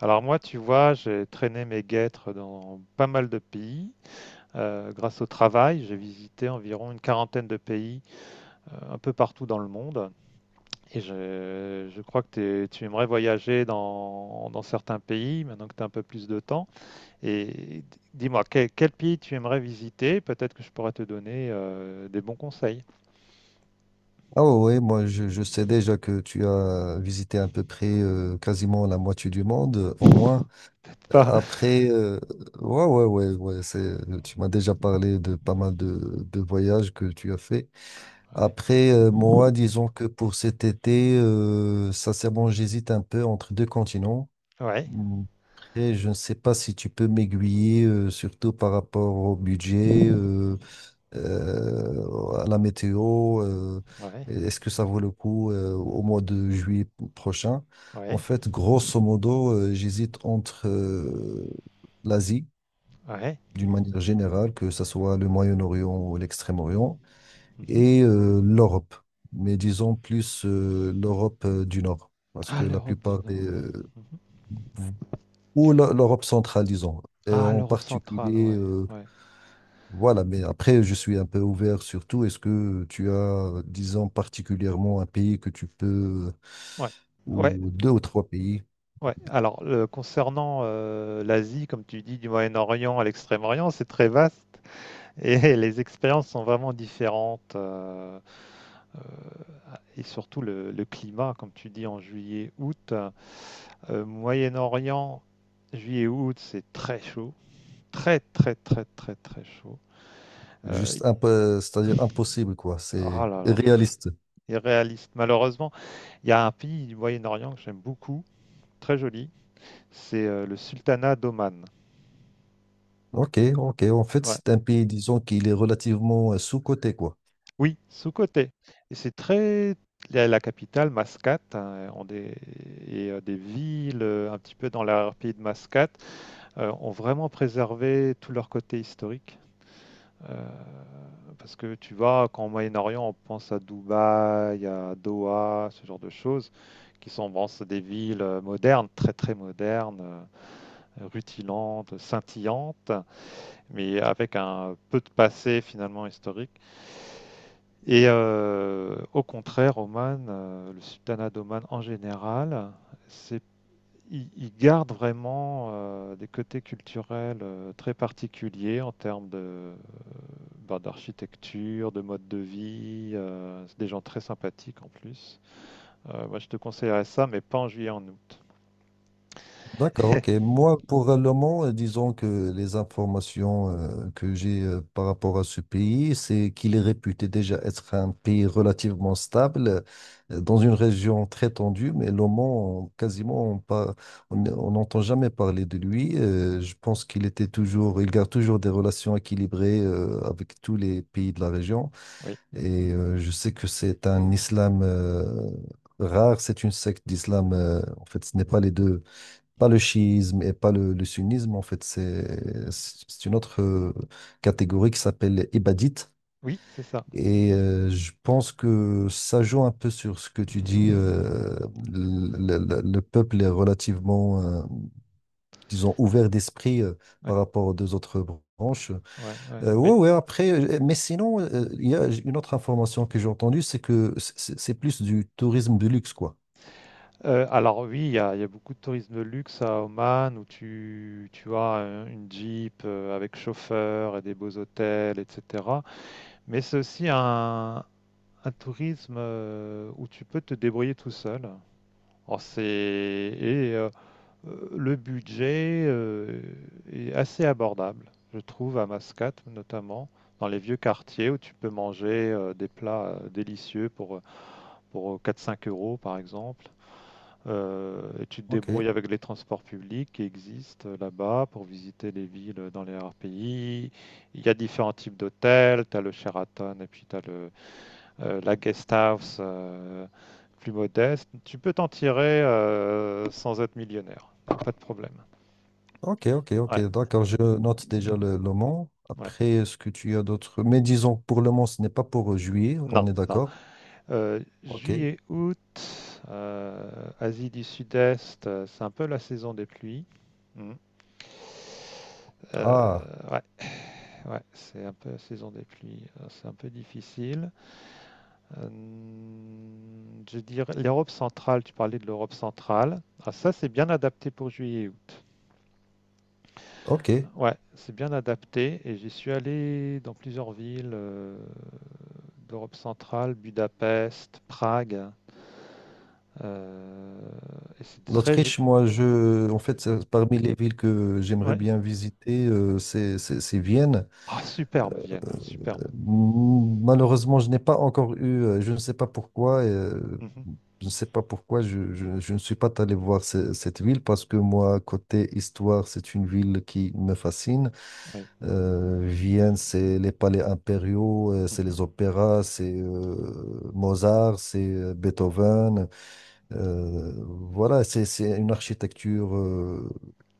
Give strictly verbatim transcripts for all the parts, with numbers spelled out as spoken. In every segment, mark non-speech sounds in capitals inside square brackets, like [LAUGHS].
Alors moi, tu vois, j'ai traîné mes guêtres dans pas mal de pays. Euh, grâce au travail, j'ai visité environ une quarantaine de pays euh, un peu partout dans le monde. Et je, je crois que t'es- tu aimerais voyager dans, dans certains pays, maintenant que tu as un peu plus de temps. Et dis-moi, quel, quel pays tu aimerais visiter? Peut-être que je pourrais te donner euh, des bons conseils. Ah oui, oui, moi je, je sais déjà que tu as visité à peu près euh, quasiment la moitié du monde, euh, au moins. [LAUGHS] Euh, Pas... Après, euh, ouais, ouais, ouais, ouais, c'est, tu m'as déjà parlé de pas mal de, de voyages que tu as fait. Ouais, Après, euh, moi, disons que pour cet été, euh, sincèrement, j'hésite un peu entre deux continents. ouais, Mm, Après, je ne sais pas si tu peux m'aiguiller, euh, surtout par rapport au budget, euh, euh, à la météo, euh, ouais, est-ce que ça vaut le coup euh, au mois de juillet prochain? En ouais, fait, grosso modo, euh, j'hésite entre euh, l'Asie, ouais. d'une manière générale, que ce soit le Moyen-Orient ou l'Extrême-Orient, Mhm. et euh, l'Europe, mais disons plus euh, l'Europe euh, du Nord, parce que Ah, la l'Europe du plupart des... Nord. euh, Mhm. ou l'E- l'Europe centrale, disons, et Ah, en l'Europe centrale, particulier ouais, euh, ouais. voilà, mais après, je suis un peu ouvert sur tout. Est-ce que tu as, disons, particulièrement un pays que tu peux, Ouais, ouais, ou deux ou trois pays? ouais. Alors, le- concernant euh, l'Asie, comme tu dis, du Moyen-Orient à l'Extrême-Orient, c'est très vaste et [LAUGHS] les expériences sont vraiment différentes. euh, euh, et surtout le, le climat, comme tu dis, en juillet-août. Euh, Moyen-Orient, juillet-août, c'est très chaud. Très, très, très, très, très chaud. Euh, Juste un peu, c'est-à-dire impossible, quoi. oh C'est là là, réaliste. irréaliste. Malheureusement, il y a un pays du Moyen-Orient que j'aime beaucoup, très joli. C'est euh, le Sultanat d'Oman. Ok, ok. En fait, Ouais. c'est un pays, disons, qu'il est relativement euh, sous-coté, quoi. Oui, sous côté. Et c'est très, la, la capitale Mascate, hein, ont des, et euh, des villes euh, un petit peu dans l'arrière-pays de Mascate euh, ont vraiment préservé tout leur côté historique. Euh, parce que tu vois, quand au Moyen-Orient, on pense à Dubaï, à Doha, ce genre de choses, qui sont bon, c'est des villes euh, modernes, très très modernes, euh, rutilantes, scintillantes, mais avec un peu de passé finalement historique. Et euh, au contraire, Oman, euh, le sultanat d'Oman en général, c'est, il, il garde vraiment euh, des côtés culturels euh, très particuliers en termes de, euh, bah, d'architecture, de mode de vie. Euh, c'est des gens très sympathiques en plus. Euh, moi, je te conseillerais ça, mais pas en juillet, en août. D'accord, ok. Moi, pour euh, le moment, euh, disons que les informations euh, que j'ai euh, par rapport à ce pays, c'est qu'il est réputé déjà être un pays relativement stable, euh, dans une région très tendue, mais le Mans, on- quasiment, on par- on- on n'entend jamais parler de lui. Euh, je pense qu'il était toujours, il garde toujours des relations équilibrées euh, avec tous les pays de la région. Oui, Et euh, je sais que c'est un islam euh, rare, c'est une secte d'islam. Euh, en fait, ce n'est pas les deux pas le chiisme et pas le, le sunnisme, en fait, c'est c'est une autre euh, catégorie qui s'appelle ibadite. oui, c'est ça. Et euh, je pense que ça joue un peu sur ce que tu dis. Euh, le, le- le peuple est relativement, euh, disons, ouvert d'esprit euh, Ouais, par rapport aux deux autres branches. ouais, ouais. Euh, Bah, Ouais, ouais, après, euh, mais sinon, euh, il y a une autre information que j'ai entendue, c'est que c'est c'est plus du tourisme de luxe, quoi. Euh, alors oui, il y a, il y a beaucoup de tourisme de luxe à Oman où tu, tu as un- une Jeep euh, avec chauffeur et des beaux hôtels, et cetera. Mais c'est aussi un, un tourisme euh, où tu peux te débrouiller tout seul. Alors, c'est, et euh, euh, le budget euh, est assez abordable, je trouve, à Mascate notamment, dans les vieux quartiers où tu peux manger euh, des plats euh, délicieux pour, pour quatre-cinq euros par exemple. Euh, et tu te Ok. débrouilles avec les transports publics qui existent euh, là-bas pour visiter les villes dans les R P I. Il y a différents types d'hôtels. Tu as le Sheraton et puis tu as le, euh, la guest house euh, plus modeste. Tu peux t'en tirer euh, sans être millionnaire. Pas de problème. Ok, ok, ok, Ouais, d'accord, je note déjà le, le Mans. ouais. Après, est-ce que tu as d'autres... Mais disons, pour le Mans, ce n'est pas pour euh, juillet, Non, on est non. d'accord? Euh, Ok. Juillet, août, euh, Asie du Sud-Est, euh, c'est un peu la saison des pluies. Hmm. Euh, Ah, ouais. Ouais, c'est un peu la saison des pluies, euh, c'est un peu difficile. Euh, je dirais l'Europe centrale, tu parlais de l'Europe centrale. Ah, ça, c'est bien adapté pour juillet et août. ok. Ouais, c'est bien adapté et j'y suis allé dans plusieurs villes euh, d'Europe centrale, Budapest, Prague. euh, et c'est très... ju- L'Autriche, moi, je... En fait, c'est parmi les villes que j'aimerais Ouais. bien visiter, euh, c'est c'est- c'est Vienne. Ah, superbe Vienne, Euh, superbe. m- Malheureusement, je n'ai pas encore eu, euh, je ne sais pas pourquoi, euh, Mhm, je ne sais pas pourquoi je, je- je ne suis pas allé voir ce- cette ville parce que moi, côté histoire, c'est une ville qui me fascine. oui. Euh, Vienne, c'est les palais impériaux, euh, c'est Mhm. les opéras, c'est euh, Mozart, c'est euh, Beethoven. Euh, voilà, c'est, c'est une architecture euh,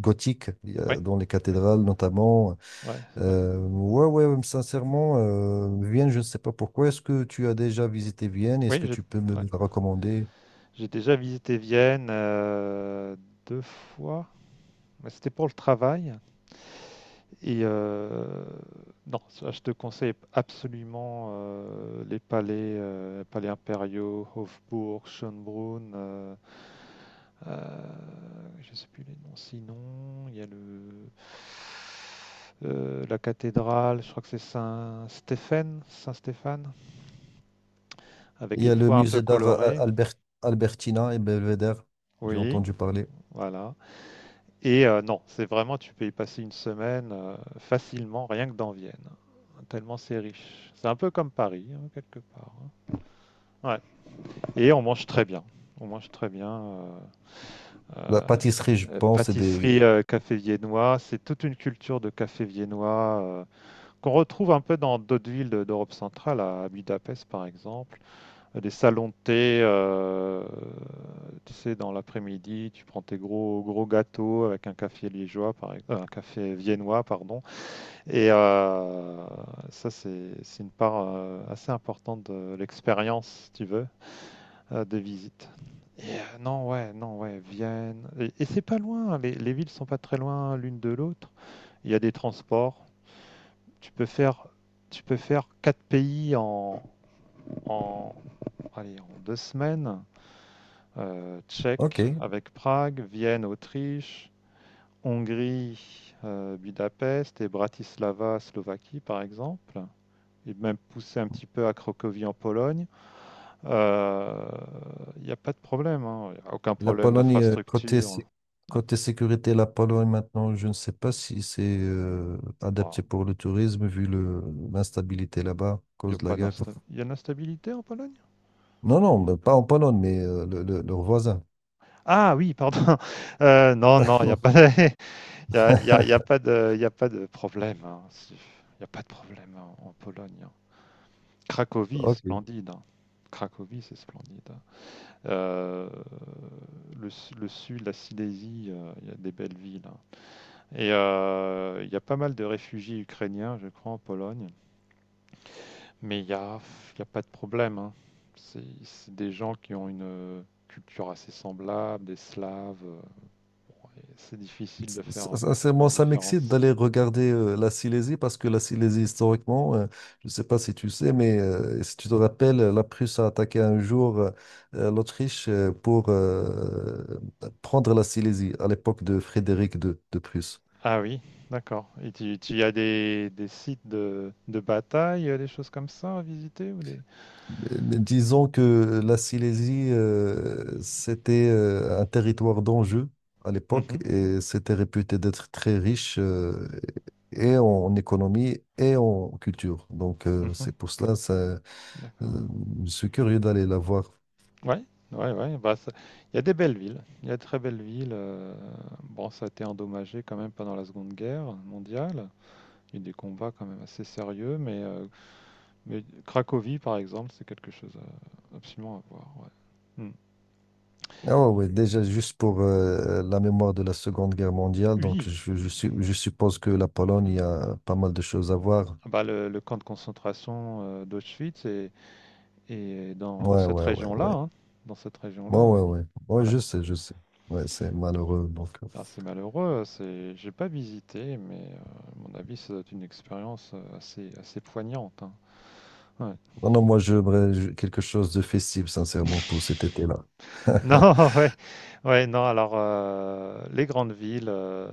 gothique il y Ouais, a- dans les cathédrales notamment. ouais, ouais. Euh, ouais, ouais, sincèrement, euh, Vienne, je ne sais pas pourquoi. Est-ce que tu as déjà visité Vienne? Est-ce Oui, que j'ai, tu peux me ouais. la recommander? J'ai déjà visité Vienne euh, deux fois, mais c'était pour le travail. Et euh, non, ça, je te conseille absolument euh, les palais, euh, palais impériaux, Hofburg, Schönbrunn. euh, euh, je ne sais plus les noms. Sinon, il y a le euh, la cathédrale. Je crois que c'est Saint Stéphane, Saint Stéphane, Il avec y les a le toits un peu musée d'art euh, colorés. Albert, Albertina et Belvedere. J'ai Oui, entendu parler. voilà. Et euh, non, c'est vraiment, tu peux y passer une semaine euh, facilement, rien que dans Vienne. Tellement c'est riche. C'est un peu comme Paris, hein, quelque part, hein. Ouais. Et on mange très Oh, bien. On mange très bien. euh, la euh, pâtisserie, je euh, pense, c'est des... Pâtisserie, euh, café viennois, c'est toute une culture de café viennois euh, qu'on retrouve un peu dans d'autres villes de- d'Europe centrale, à Budapest par exemple. Euh, des salons de thé, euh, tu sais, dans l'après-midi, tu prends tes gros gros gâteaux avec un café liégeois, par ex- euh, un café viennois, pardon. Et euh, ça, c'est c'est une part euh, assez importante de l'expérience, si tu veux, euh, des visites. Et, euh, non, ouais, non, ouais, Vienne. Et, et c'est pas loin, les, les villes sont pas très loin l'une de l'autre. Il y a des transports. Tu peux faire, tu peux faire quatre pays en, en, allez, en deux semaines. euh, Ok. Tchèque avec Prague, Vienne, Autriche, Hongrie, euh, Budapest et Bratislava, Slovaquie par exemple, et même poussé un petit peu à Cracovie en Pologne, euh, il euh, n'y a pas de problème, hein. Il n'y a aucun La problème Pologne, euh, côté, d'infrastructure. sé- Ah, côté sécurité, la Pologne, maintenant, je ne sais pas si c'est euh, adapté bon, pour le tourisme, vu le, l'instabilité là-bas, à il y a cause de la pas guerre. d'insta- il y a de l'instabilité en Pologne? Non, non, mais pas en Pologne, mais euh, le- le- leurs voisins. Ah oui, pardon. [LAUGHS] Euh, non, non, il n'y a pas, de... [LAUGHS] il y a, il y a- il y a [LAUGHS] pas de, Il y a pas de problème, hein. C'est- Il n'y a pas de problème en, en Pologne, hein. Cracovie, Ok. splendide, hein. Cracovie, c'est splendide, hein. Euh, le, su- le sud, la Silésie, euh, il y a des belles villes, hein. Et euh, il y a pas mal de réfugiés ukrainiens, je crois, en Pologne. Mais il n'y a, il y a pas de problème, hein. C'est c'est des gens qui ont une culture assez semblable, des Slaves. euh, C'est difficile de faire S- euh, la Sincèrement, ça m'excite différence. d'aller regarder euh, la Silésie parce que la Silésie, historiquement, euh, je ne sais pas si tu sais, mais euh, si tu te rappelles, la Prusse a attaqué un jour euh, euh, l'Autriche euh, pour euh, prendre la Silésie à l'époque de Frédéric deux de Prusse. Ah oui, d'accord. Et tu, tu as des, des sites de, de bataille, euh, des choses comme ça à visiter ou des... Euh, Disons que la Silésie, euh, c'était euh, un territoire d'enjeu à l'époque Mhm, et c'était réputé d'être très riche euh, et en économie et en culture. Donc, euh, mhm. c'est pour cela, ça, euh, D'accord. je suis curieux d'aller la voir. Ouais, ouais, ouais. Bah, ça- il y a des belles villes. Il y a de très belles villes. euh, Bon, ça a été endommagé quand même pendant la Seconde Guerre mondiale. Il y a eu des combats quand même assez sérieux, mais, euh, mais Cracovie, par exemple, c'est quelque chose à- absolument à voir, ouais. Hmm. Ah ouais, ouais, déjà, juste pour euh, la mémoire de la Seconde Guerre mondiale, donc Oui. je, je, su- je suppose que la Pologne, il y a pas mal de choses à voir. Ah, bah, le, le camp de concentration euh, d'Auschwitz est, est dans, dans Ouais, cette ouais, ouais, région-là, ouais. hein. Dans cette Ouais, région-là, oui. ouais, ouais. Ouais, je sais, je sais. Ouais, c'est malheureux, donc. euh. Ah, c'est malheureux, c'est j'ai pas visité, mais euh, à mon avis, ça doit être une expérience euh, assez, assez poignante, hein. Ouais. [LAUGHS] Non, non, moi, j'aimerais ju- quelque chose de festif, sincèrement, pour cet été-là. [LAUGHS] Non, ouais, ouais, non, alors euh, les grandes villes, euh,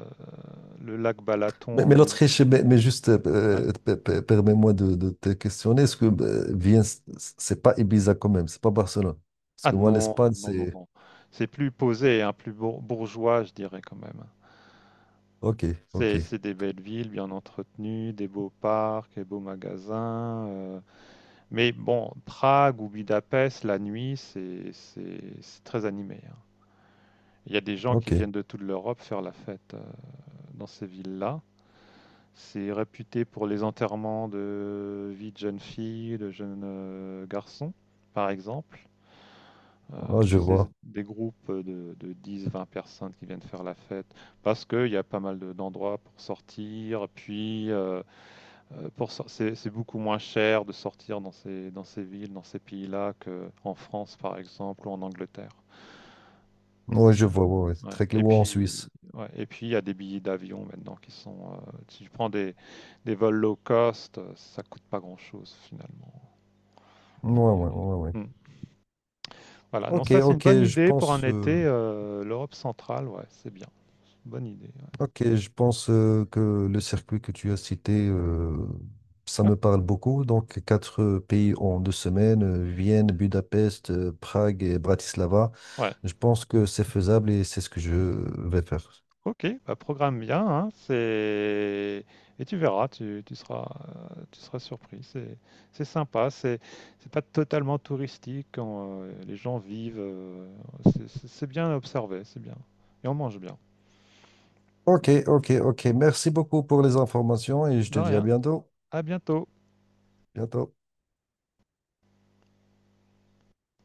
le lac Balaton Mais, en mais l'Autriche, Hongrie, mais, euh, mais juste, ouais. euh, pe- pe- permets-moi de, de te questionner. Est-ce que euh, Vienne, c- c'est pas Ibiza quand même, c'est pas Barcelone? Parce Ah que moi, non, l'Espagne, non, non, c'est. non. C'est plus posé, hein, plus bour- bourgeois, je dirais quand même. Ok, ok, C'est c'est des belles villes, bien entretenues, des beaux parcs, des beaux magasins. euh, Mais bon, Prague ou Budapest, la nuit, c'est c'est- c'est très animé, hein. Il y a des gens qui ok. viennent de toute l'Europe faire la fête euh, dans ces villes-là. C'est réputé pour les enterrements de vie de jeunes filles, de jeunes euh, garçons, par exemple. Euh, Ah, je Tu sais, vois. des groupes de, de dix vingt personnes qui viennent faire la fête parce qu'il y a pas mal de- d'endroits pour sortir. Puis, euh, euh, pour sor- c'est c'est beaucoup moins cher de sortir dans ces, dans ces villes, dans ces pays-là qu'en France, par exemple, ou en Angleterre. Oui, je vois, ouais, ouais, c'est Ouais, très et clair. Ou en puis, Suisse. ouais, et puis il y a des billets d'avion maintenant qui sont. Euh, si tu prends des, des vols low cost, euh, ça coûte pas grand-chose finalement Ouais, pour y ouais, aller. ouais, ouais. Hmm. Voilà, non, Ok, ça c'est une ok, bonne je idée pour un pense. été. euh, euh, L'Europe centrale, ouais, c'est bien. Bonne idée. Ok, je pense euh, que le circuit que tu as cité, euh, ça Ouais. me parle beaucoup. Donc, quatre euh, pays en deux semaines, euh, Vienne, Budapest, euh, Prague et Bratislava. Ouais. Ouais. Je pense que c'est faisable et c'est ce que je vais faire. Ok, bah programme bien, hein, c'est et tu verras, tu, tu seras euh, tu seras surpris. C'est c'est sympa, c'est c'est pas totalement touristique quand euh, les gens vivent. euh, c'est c'est- c'est bien observé, c'est bien. Et on mange bien. Ok, ok, ok. Merci beaucoup pour les informations et je De te dis à rien. bientôt. À bientôt. Bientôt.